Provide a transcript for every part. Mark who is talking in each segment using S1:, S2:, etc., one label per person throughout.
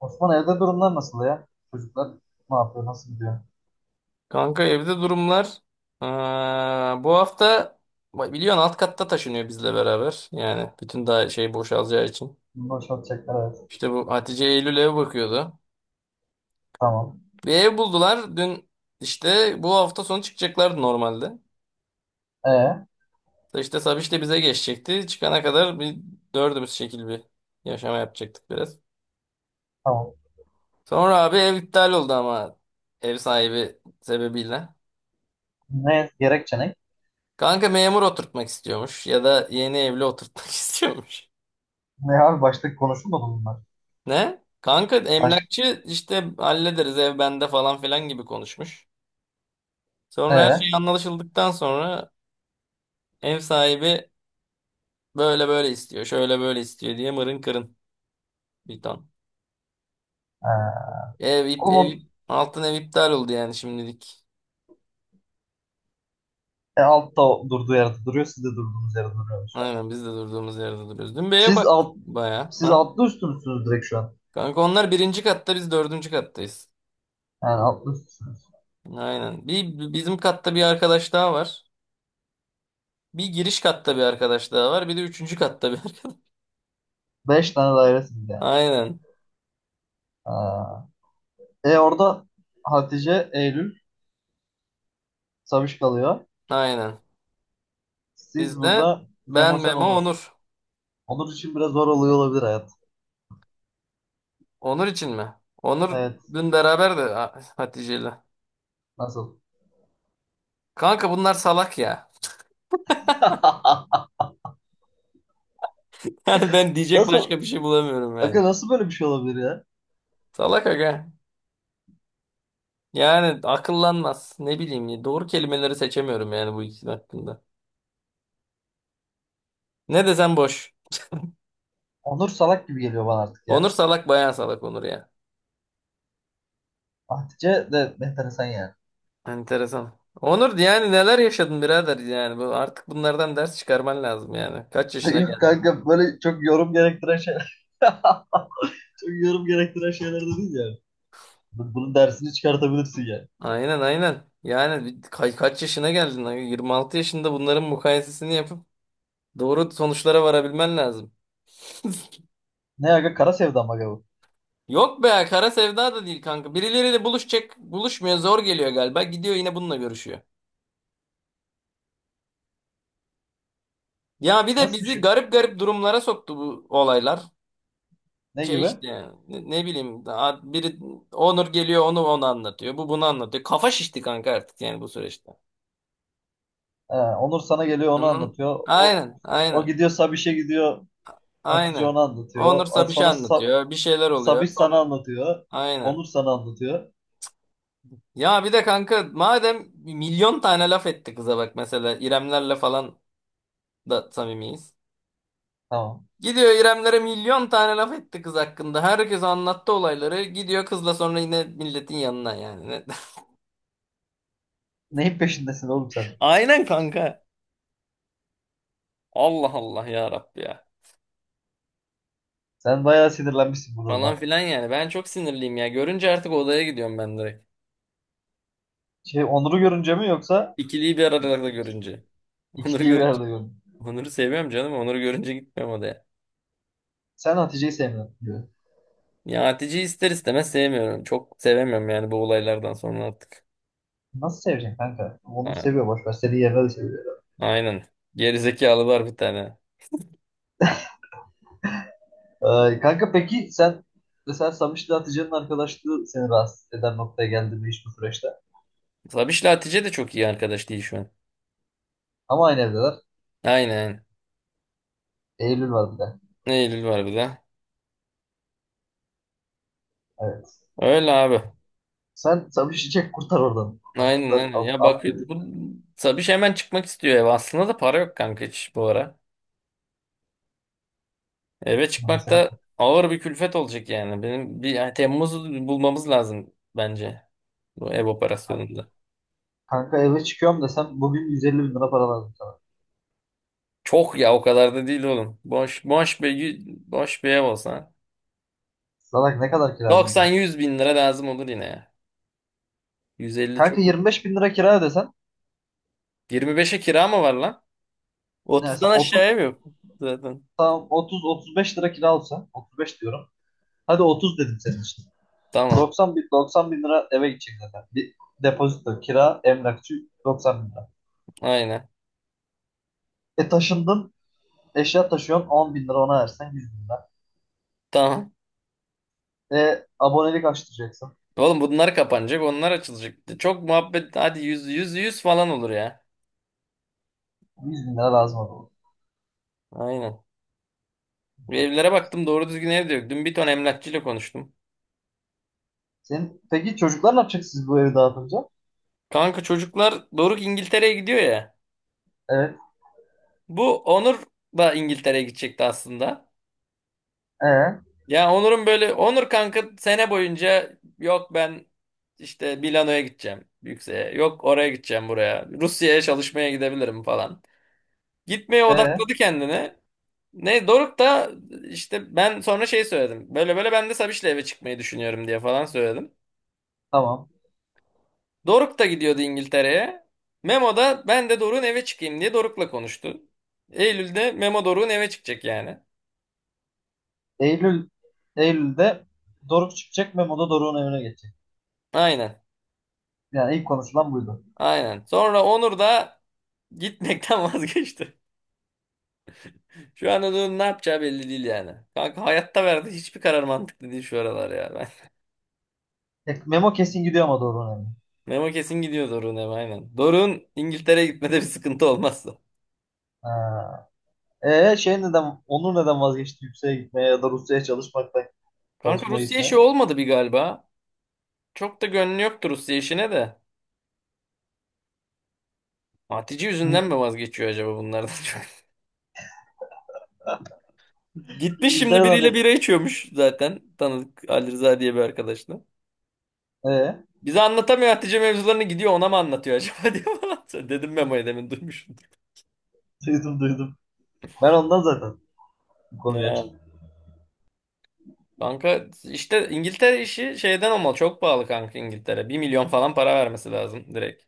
S1: Osman evde durumlar nasıl ya? Çocuklar ne yapıyor? Nasıl gidiyor?
S2: Kanka evde durumlar. Bu hafta biliyorsun alt katta taşınıyor bizle beraber. Yani bütün daha şey boşalacağı için.
S1: Bunu boşaltacaklar, evet.
S2: İşte bu Hatice Eylül ev bakıyordu.
S1: Tamam.
S2: Bir ev buldular. Dün işte bu hafta sonu çıkacaklardı normalde.
S1: Ee,
S2: Da İşte Sabiş de bize geçecekti. Çıkana kadar bir dördümüz şekil bir yaşama yapacaktık biraz.
S1: tamam.
S2: Sonra abi ev iptal oldu ama ev sahibi sebebiyle.
S1: Ne gerekçe ne?
S2: Kanka memur oturtmak istiyormuş ya da yeni evli oturtmak istiyormuş.
S1: Ne abi, başta konuşulmadı bunlar.
S2: Ne? Kanka
S1: Baş...
S2: emlakçı işte hallederiz ev bende falan filan gibi konuşmuş.
S1: Ee,
S2: Sonra her şey
S1: ee.
S2: anlaşıldıktan sonra ev sahibi böyle böyle istiyor, şöyle böyle istiyor diye mırın kırın bir ton.
S1: Oğlum on,
S2: Altın ev iptal oldu yani şimdilik.
S1: e, altta o durduğu yerde duruyor. Siz de durduğunuz yerde duruyorsunuz şu an.
S2: Aynen biz de durduğumuz yerde duruyoruz. Dün bir eve
S1: Siz
S2: bak
S1: alt,
S2: baya.
S1: siz
S2: Ha?
S1: altlı üstü müsünüz direkt şu an?
S2: Kanka onlar birinci katta biz dördüncü kattayız.
S1: Yani altlı üstüsünüz.
S2: Aynen. Bizim katta bir arkadaş daha var. Bir giriş katta bir arkadaş daha var. Bir de üçüncü katta bir arkadaş.
S1: Beş tane dairesiniz yani.
S2: Aynen.
S1: Orada Hatice, Eylül, Sabiş kalıyor.
S2: Aynen.
S1: Siz
S2: Bizde
S1: burada
S2: ben,
S1: Memo sen
S2: Memo,
S1: Onur.
S2: Onur.
S1: Onur için biraz zor oluyor olabilir hayat.
S2: Onur için mi? Onur
S1: Evet.
S2: dün beraber de Hatice'yle.
S1: Nasıl?
S2: Kanka bunlar salak ya. Yani ben diyecek
S1: Nasıl?
S2: başka bir şey bulamıyorum yani.
S1: Aga, nasıl böyle bir şey olabilir ya?
S2: Salak aga. Yani akıllanmaz. Ne bileyim ya. Doğru kelimeleri seçemiyorum yani bu ikisi hakkında. Ne desem boş.
S1: Onur salak gibi geliyor bana artık ya.
S2: Onur salak, bayağı salak Onur ya.
S1: Hatice de enteresan yani.
S2: Enteresan. Onur, yani neler yaşadın birader yani. Bu, artık bunlardan ders çıkarman lazım yani. Kaç yaşına
S1: Yok
S2: geldin?
S1: kanka, böyle çok yorum gerektiren şeyler. Çok yorum gerektiren şeyler de değil yani. Bunun dersini çıkartabilirsin yani.
S2: Aynen, aynen. Yani kaç yaşına geldin lan? 26 yaşında bunların mukayesesini yapıp doğru sonuçlara varabilmen lazım.
S1: Ne aga, kara sevda mı aga bu?
S2: Yok be, kara sevda da değil kanka. Birileriyle buluşacak, buluşmuyor, zor geliyor galiba. Gidiyor yine bununla görüşüyor. Ya bir de
S1: Nasıl bir
S2: bizi
S1: şey?
S2: garip garip durumlara soktu bu olaylar.
S1: Ne
S2: Şey
S1: gibi?
S2: işte ne bileyim, daha biri Onur geliyor onu anlatıyor. Bu bunu anlatıyor. Kafa şişti kanka artık yani bu süreçte.
S1: Ha, Onur sana geliyor onu
S2: Anladın?
S1: anlatıyor. O,
S2: Aynen,
S1: o
S2: aynen,
S1: gidiyor, Sabiş'e gidiyor. Hatice
S2: aynen.
S1: onu anlatıyor.
S2: Onur Sabiş'e
S1: Sonra
S2: anlatıyor. Bir şeyler oluyor.
S1: Sabiş
S2: Sonra
S1: sana anlatıyor.
S2: aynen.
S1: Onur sana anlatıyor.
S2: Ya bir de kanka madem milyon tane laf etti kıza, bak mesela İremlerle falan da samimiyiz.
S1: Tamam.
S2: Gidiyor İremlere, milyon tane laf etti kız hakkında. Herkes anlattı olayları. Gidiyor kızla sonra yine milletin yanına yani. Ne-
S1: Neyin peşindesin oğlum sen?
S2: Aynen kanka. Allah Allah, ya Rabbi ya.
S1: Sen bayağı sinirlenmişsin bu
S2: Falan
S1: duruma.
S2: filan yani. Ben çok sinirliyim ya. Görünce artık odaya gidiyorum ben direkt.
S1: Şey, Onur'u görünce mi yoksa
S2: İkiliyi bir arada
S1: ik-
S2: görünce. Onur'u
S1: ikiliyi bir
S2: görünce.
S1: arada görün.
S2: Onur'u seviyorum canım. Onur'u görünce gitmiyorum odaya.
S1: Sen Hatice'yi sevmiyorsun diyor.
S2: Ya Hatice'yi ister istemez sevmiyorum. Çok sevemiyorum yani bu olaylardan sonra artık.
S1: Nasıl seveceksin kanka? Onur
S2: A-
S1: seviyor, boş ver. Seni yerine de seviyor.
S2: Aynen. Gerizekalılar bir tane.
S1: Kanka peki sen mesela Samiş'le Hatice'nin arkadaşlığı seni rahatsız eden noktaya geldi mi hiç bu süreçte?
S2: Sabiş'le Hatice de çok iyi arkadaş değil şu an.
S1: Ama aynı evdeler.
S2: Aynen.
S1: Eylül var bir de.
S2: Eylül var bir de.
S1: Evet.
S2: Öyle abi.
S1: Sen Samiş'i çek kurtar oradan. Kurtar,
S2: Aynen,
S1: kurtar,
S2: aynen.
S1: al,
S2: Ya
S1: al
S2: bak,
S1: götür.
S2: bu Sabiş hemen çıkmak istiyor eve. Aslında da para yok kanka hiç bu ara. Eve
S1: Lan
S2: çıkmak
S1: sen-
S2: da ağır bir külfet olacak yani. Benim bir yani Temmuz'u bulmamız lazım bence. Bu ev operasyonunda.
S1: Kanka eve çıkıyorum desem bugün 150 bin lira para lazım sana.
S2: Çok ya, o kadar da değil oğlum. Boş bir ev olsa.
S1: Salak, ne kadar kira ödeyeceksin?
S2: 90-100 bin lira lazım olur yine ya. 150 çok.
S1: Kanka, 25 bin lira kira ödesen.
S2: 25'e kira mı var lan?
S1: Ne
S2: 30'dan
S1: mesela, 30,
S2: aşağıya mı yok zaten?
S1: tamam 30 35 lira kira olsa, 35 diyorum. Hadi 30 dedim senin için.
S2: Tamam.
S1: 90 bin lira eve gidecek zaten. Bir depozito, kira, emlakçı, 90 bin lira.
S2: Aynen.
S1: Taşındın, eşya taşıyorsun, 10 bin lira ona versen 100 bin lira.
S2: Tamam.
S1: Abonelik açtıracaksın.
S2: Oğlum bunlar kapanacak, onlar açılacak. Çok muhabbet, hadi 100 100 100 falan olur ya.
S1: 100 bin lira lazım olur.
S2: Aynen. Bir evlere baktım, doğru düzgün ev de yok. Dün bir ton emlakçıyla konuştum.
S1: Peki çocuklar ne yapacak siz bu evi dağıtınca?
S2: Kanka çocuklar, Doruk İngiltere'ye gidiyor ya.
S1: Evet.
S2: Bu Onur da İngiltere'ye gidecekti aslında.
S1: E,
S2: Ya Onur'un böyle, Onur kanka sene boyunca yok ben işte Milano'ya gideceğim yükseğe. Yok oraya gideceğim, buraya. Rusya'ya çalışmaya gidebilirim falan. Gitmeye
S1: e,
S2: odakladı kendini. Ne Doruk da işte ben sonra şey söyledim. Böyle böyle ben de Sabiş'le eve çıkmayı düşünüyorum diye falan söyledim.
S1: tamam.
S2: Doruk da gidiyordu İngiltere'ye. Memo da ben de Doruk'un eve çıkayım diye Doruk'la konuştu. Eylül'de Memo Doruk'un eve çıkacak yani.
S1: Eylül Eylül'de Doruk çıkacak. Memo da Doruk'un evine geçecek.
S2: Aynen.
S1: Yani ilk konuşulan buydu.
S2: Aynen. Sonra Onur da gitmekten vazgeçti. Şu anda da ne yapacağı belli değil yani. Kanka hayatta verdiği hiçbir karar mantıklı değil şu aralar ya. Ben...
S1: Memo kesin gidiyor ama Doruk'un evine.
S2: Memo kesin gidiyor Doruk'un eve, aynen. Doruk'un İngiltere'ye gitmede bir sıkıntı olmazsa.
S1: Ha. Onur neden vazgeçti yükseğe gitmeye ya da Rusya'ya çalışmaktan
S2: Kanka
S1: çalışmaya
S2: Rusya
S1: gitmeye?
S2: işi olmadı bir galiba. Çok da gönlü yoktu Rusya işine de. Hatice yüzünden
S1: Bu
S2: mi vazgeçiyor acaba bunlardan çok? Gitmiş şimdi
S1: İngiltere'den
S2: biriyle
S1: de
S2: bira içiyormuş zaten. Tanıdık Ali Rıza diye bir arkadaşla.
S1: ee,
S2: Bize anlatamıyor Hatice mevzularını, gidiyor ona mı anlatıyor acaba diye falan. Dedim Memo'ya, demin duymuşum.
S1: duydum duydum. Ben ondan zaten bu konuyu açtım.
S2: Ha. Kanka işte İngiltere işi şeyden olmalı. Çok pahalı kanka İngiltere. Bir milyon falan para vermesi lazım direkt.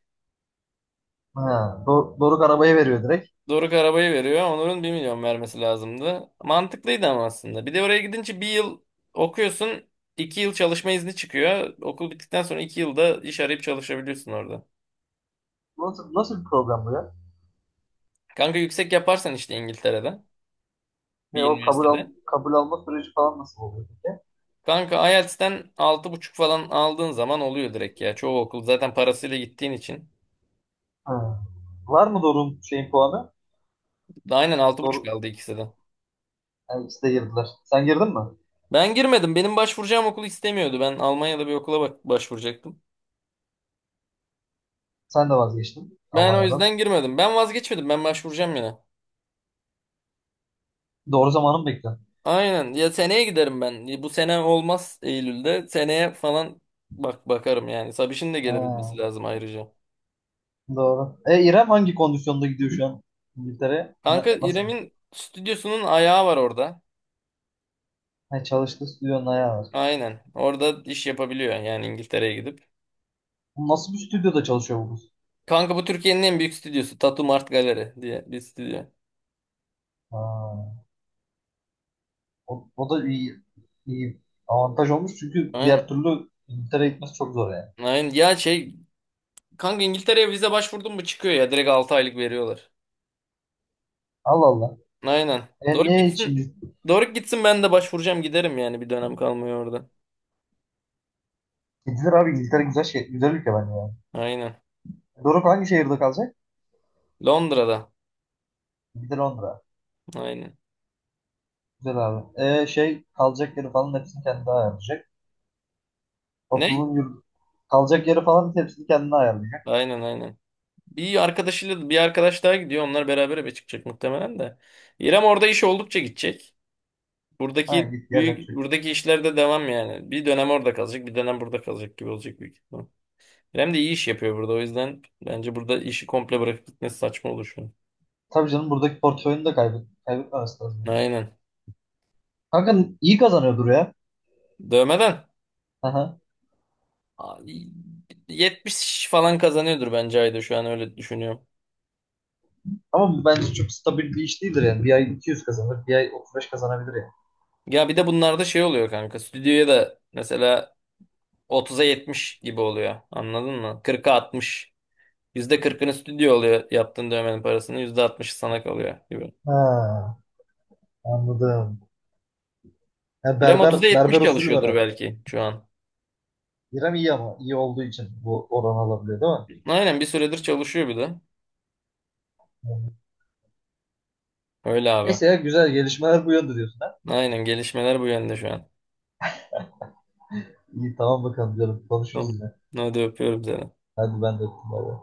S1: Ha, Doruk arabayı veriyor direkt.
S2: Doruk arabayı veriyor. Onur'un bir milyon vermesi lazımdı. Mantıklıydı ama aslında. Bir de oraya gidince bir yıl okuyorsun. İki yıl çalışma izni çıkıyor. Okul bittikten sonra 2 yılda iş arayıp çalışabiliyorsun orada.
S1: Nasıl bir program bu ya?
S2: Kanka yüksek yaparsan işte İngiltere'de.
S1: E,
S2: Bir
S1: o kabul, al
S2: üniversitede.
S1: Kabul alma süreci falan nasıl oluyor peki?
S2: Kanka IELTS'ten altı buçuk falan aldığın zaman oluyor direkt ya. Çoğu okul zaten parasıyla gittiğin için.
S1: Ha. Var mı Doruk'un şeyin puanı?
S2: Aynen, altı buçuk
S1: Doruk,
S2: aldı ikisi de.
S1: Yani ikisi de girdiler. Sen girdin mi?
S2: Ben girmedim. Benim başvuracağım okul istemiyordu. Ben Almanya'da bir okula bak başvuracaktım.
S1: Sen de vazgeçtin
S2: Ben o
S1: Almanya'dan.
S2: yüzden girmedim. Ben vazgeçmedim. Ben başvuracağım yine.
S1: Doğru zamanı mı bekliyorsun?
S2: Aynen. Ya seneye giderim ben. Bu sene olmaz, Eylül'de. Seneye falan bak bakarım yani. Sabiş'in de gelebilmesi
S1: Ha.
S2: lazım ayrıca.
S1: Doğru. İrem hangi kondisyonda gidiyor şu an İngiltere'ye?
S2: Kanka
S1: Nasıl?
S2: İrem'in stüdyosunun ayağı var orada.
S1: Ha, çalıştığı stüdyonun ayağı var.
S2: Aynen. Orada iş yapabiliyor yani İngiltere'ye gidip.
S1: Nasıl bir stüdyoda çalışıyor bu kız?
S2: Kanka bu Türkiye'nin en büyük stüdyosu. Tattoo Mart Gallery diye bir stüdyo.
S1: Ha, o da iyi avantaj olmuş, çünkü
S2: Aynen.
S1: diğer türlü İngiltere'ye gitmesi çok zor yani.
S2: Aynen. Ya şey kanka, İngiltere'ye vize başvurdun mu çıkıyor ya. Direkt 6 aylık veriyorlar.
S1: Allah Allah.
S2: Aynen. Doruk
S1: Niye hiç
S2: gitsin. Doruk gitsin, ben de başvuracağım giderim yani, bir dönem kalmıyor orada.
S1: Gidilir abi, İngiltere güzel ülke bence yani.
S2: Aynen.
S1: Doruk hangi şehirde kalacak?
S2: Londra'da.
S1: Bir de Londra.
S2: Aynen.
S1: Güzel abi. Kalacak yeri falan hepsini kendi ayarlayacak.
S2: Ne?
S1: Okulun yurt, Kalacak yeri falan hepsini kendi ayarlayacak.
S2: Aynen, aynen. Bir arkadaşıyla bir arkadaş daha gidiyor. Onlar beraber eve çıkacak muhtemelen de. İrem orada iş oldukça gidecek.
S1: Ha,
S2: Buradaki
S1: git gel.
S2: büyük, buradaki işlerde devam yani. Bir dönem orada kalacak, bir dönem burada kalacak gibi olacak büyük ihtimal. İrem de iyi iş yapıyor burada. O yüzden bence burada işi komple bırakıp gitmesi saçma olur şu an.
S1: Tabii canım, buradaki portföyünü de kaybetmemesi lazım. Yani.
S2: Aynen.
S1: Kanka iyi kazanıyordur ya.
S2: Dövmeden.
S1: Aha.
S2: Abi, 70 falan kazanıyordur bence ayda şu an, öyle düşünüyorum.
S1: Ama bence çok stabil bir iş değildir yani. Bir ay 200 kazanır, bir ay 35 kazanabilir yani.
S2: Ya bir de bunlarda şey oluyor kanka. Stüdyoya da mesela 30'a 70 gibi oluyor. Anladın mı? 40'a 60. %40'ını stüdyo oluyor yaptığın dövmenin parasını. %60'ı sana kalıyor gibi.
S1: Ha, anladım. Ya,
S2: İrem
S1: berber
S2: 30'a anladım, 70
S1: berber usulü var
S2: çalışıyordur
S1: abi.
S2: belki şu an.
S1: İrem iyi, ama iyi olduğu için bu oran alabiliyor değil mi?
S2: Aynen, bir süredir çalışıyor bir de.
S1: Yani.
S2: Öyle abi.
S1: Neyse ya, güzel gelişmeler bu yönde diyorsun ha.
S2: Aynen gelişmeler bu yönde şu an.
S1: İyi, tamam, bakalım canım, konuşuruz
S2: Tamam.
S1: yine.
S2: Hadi öpüyorum seni.
S1: Hadi ben de öptüm. Bay bay.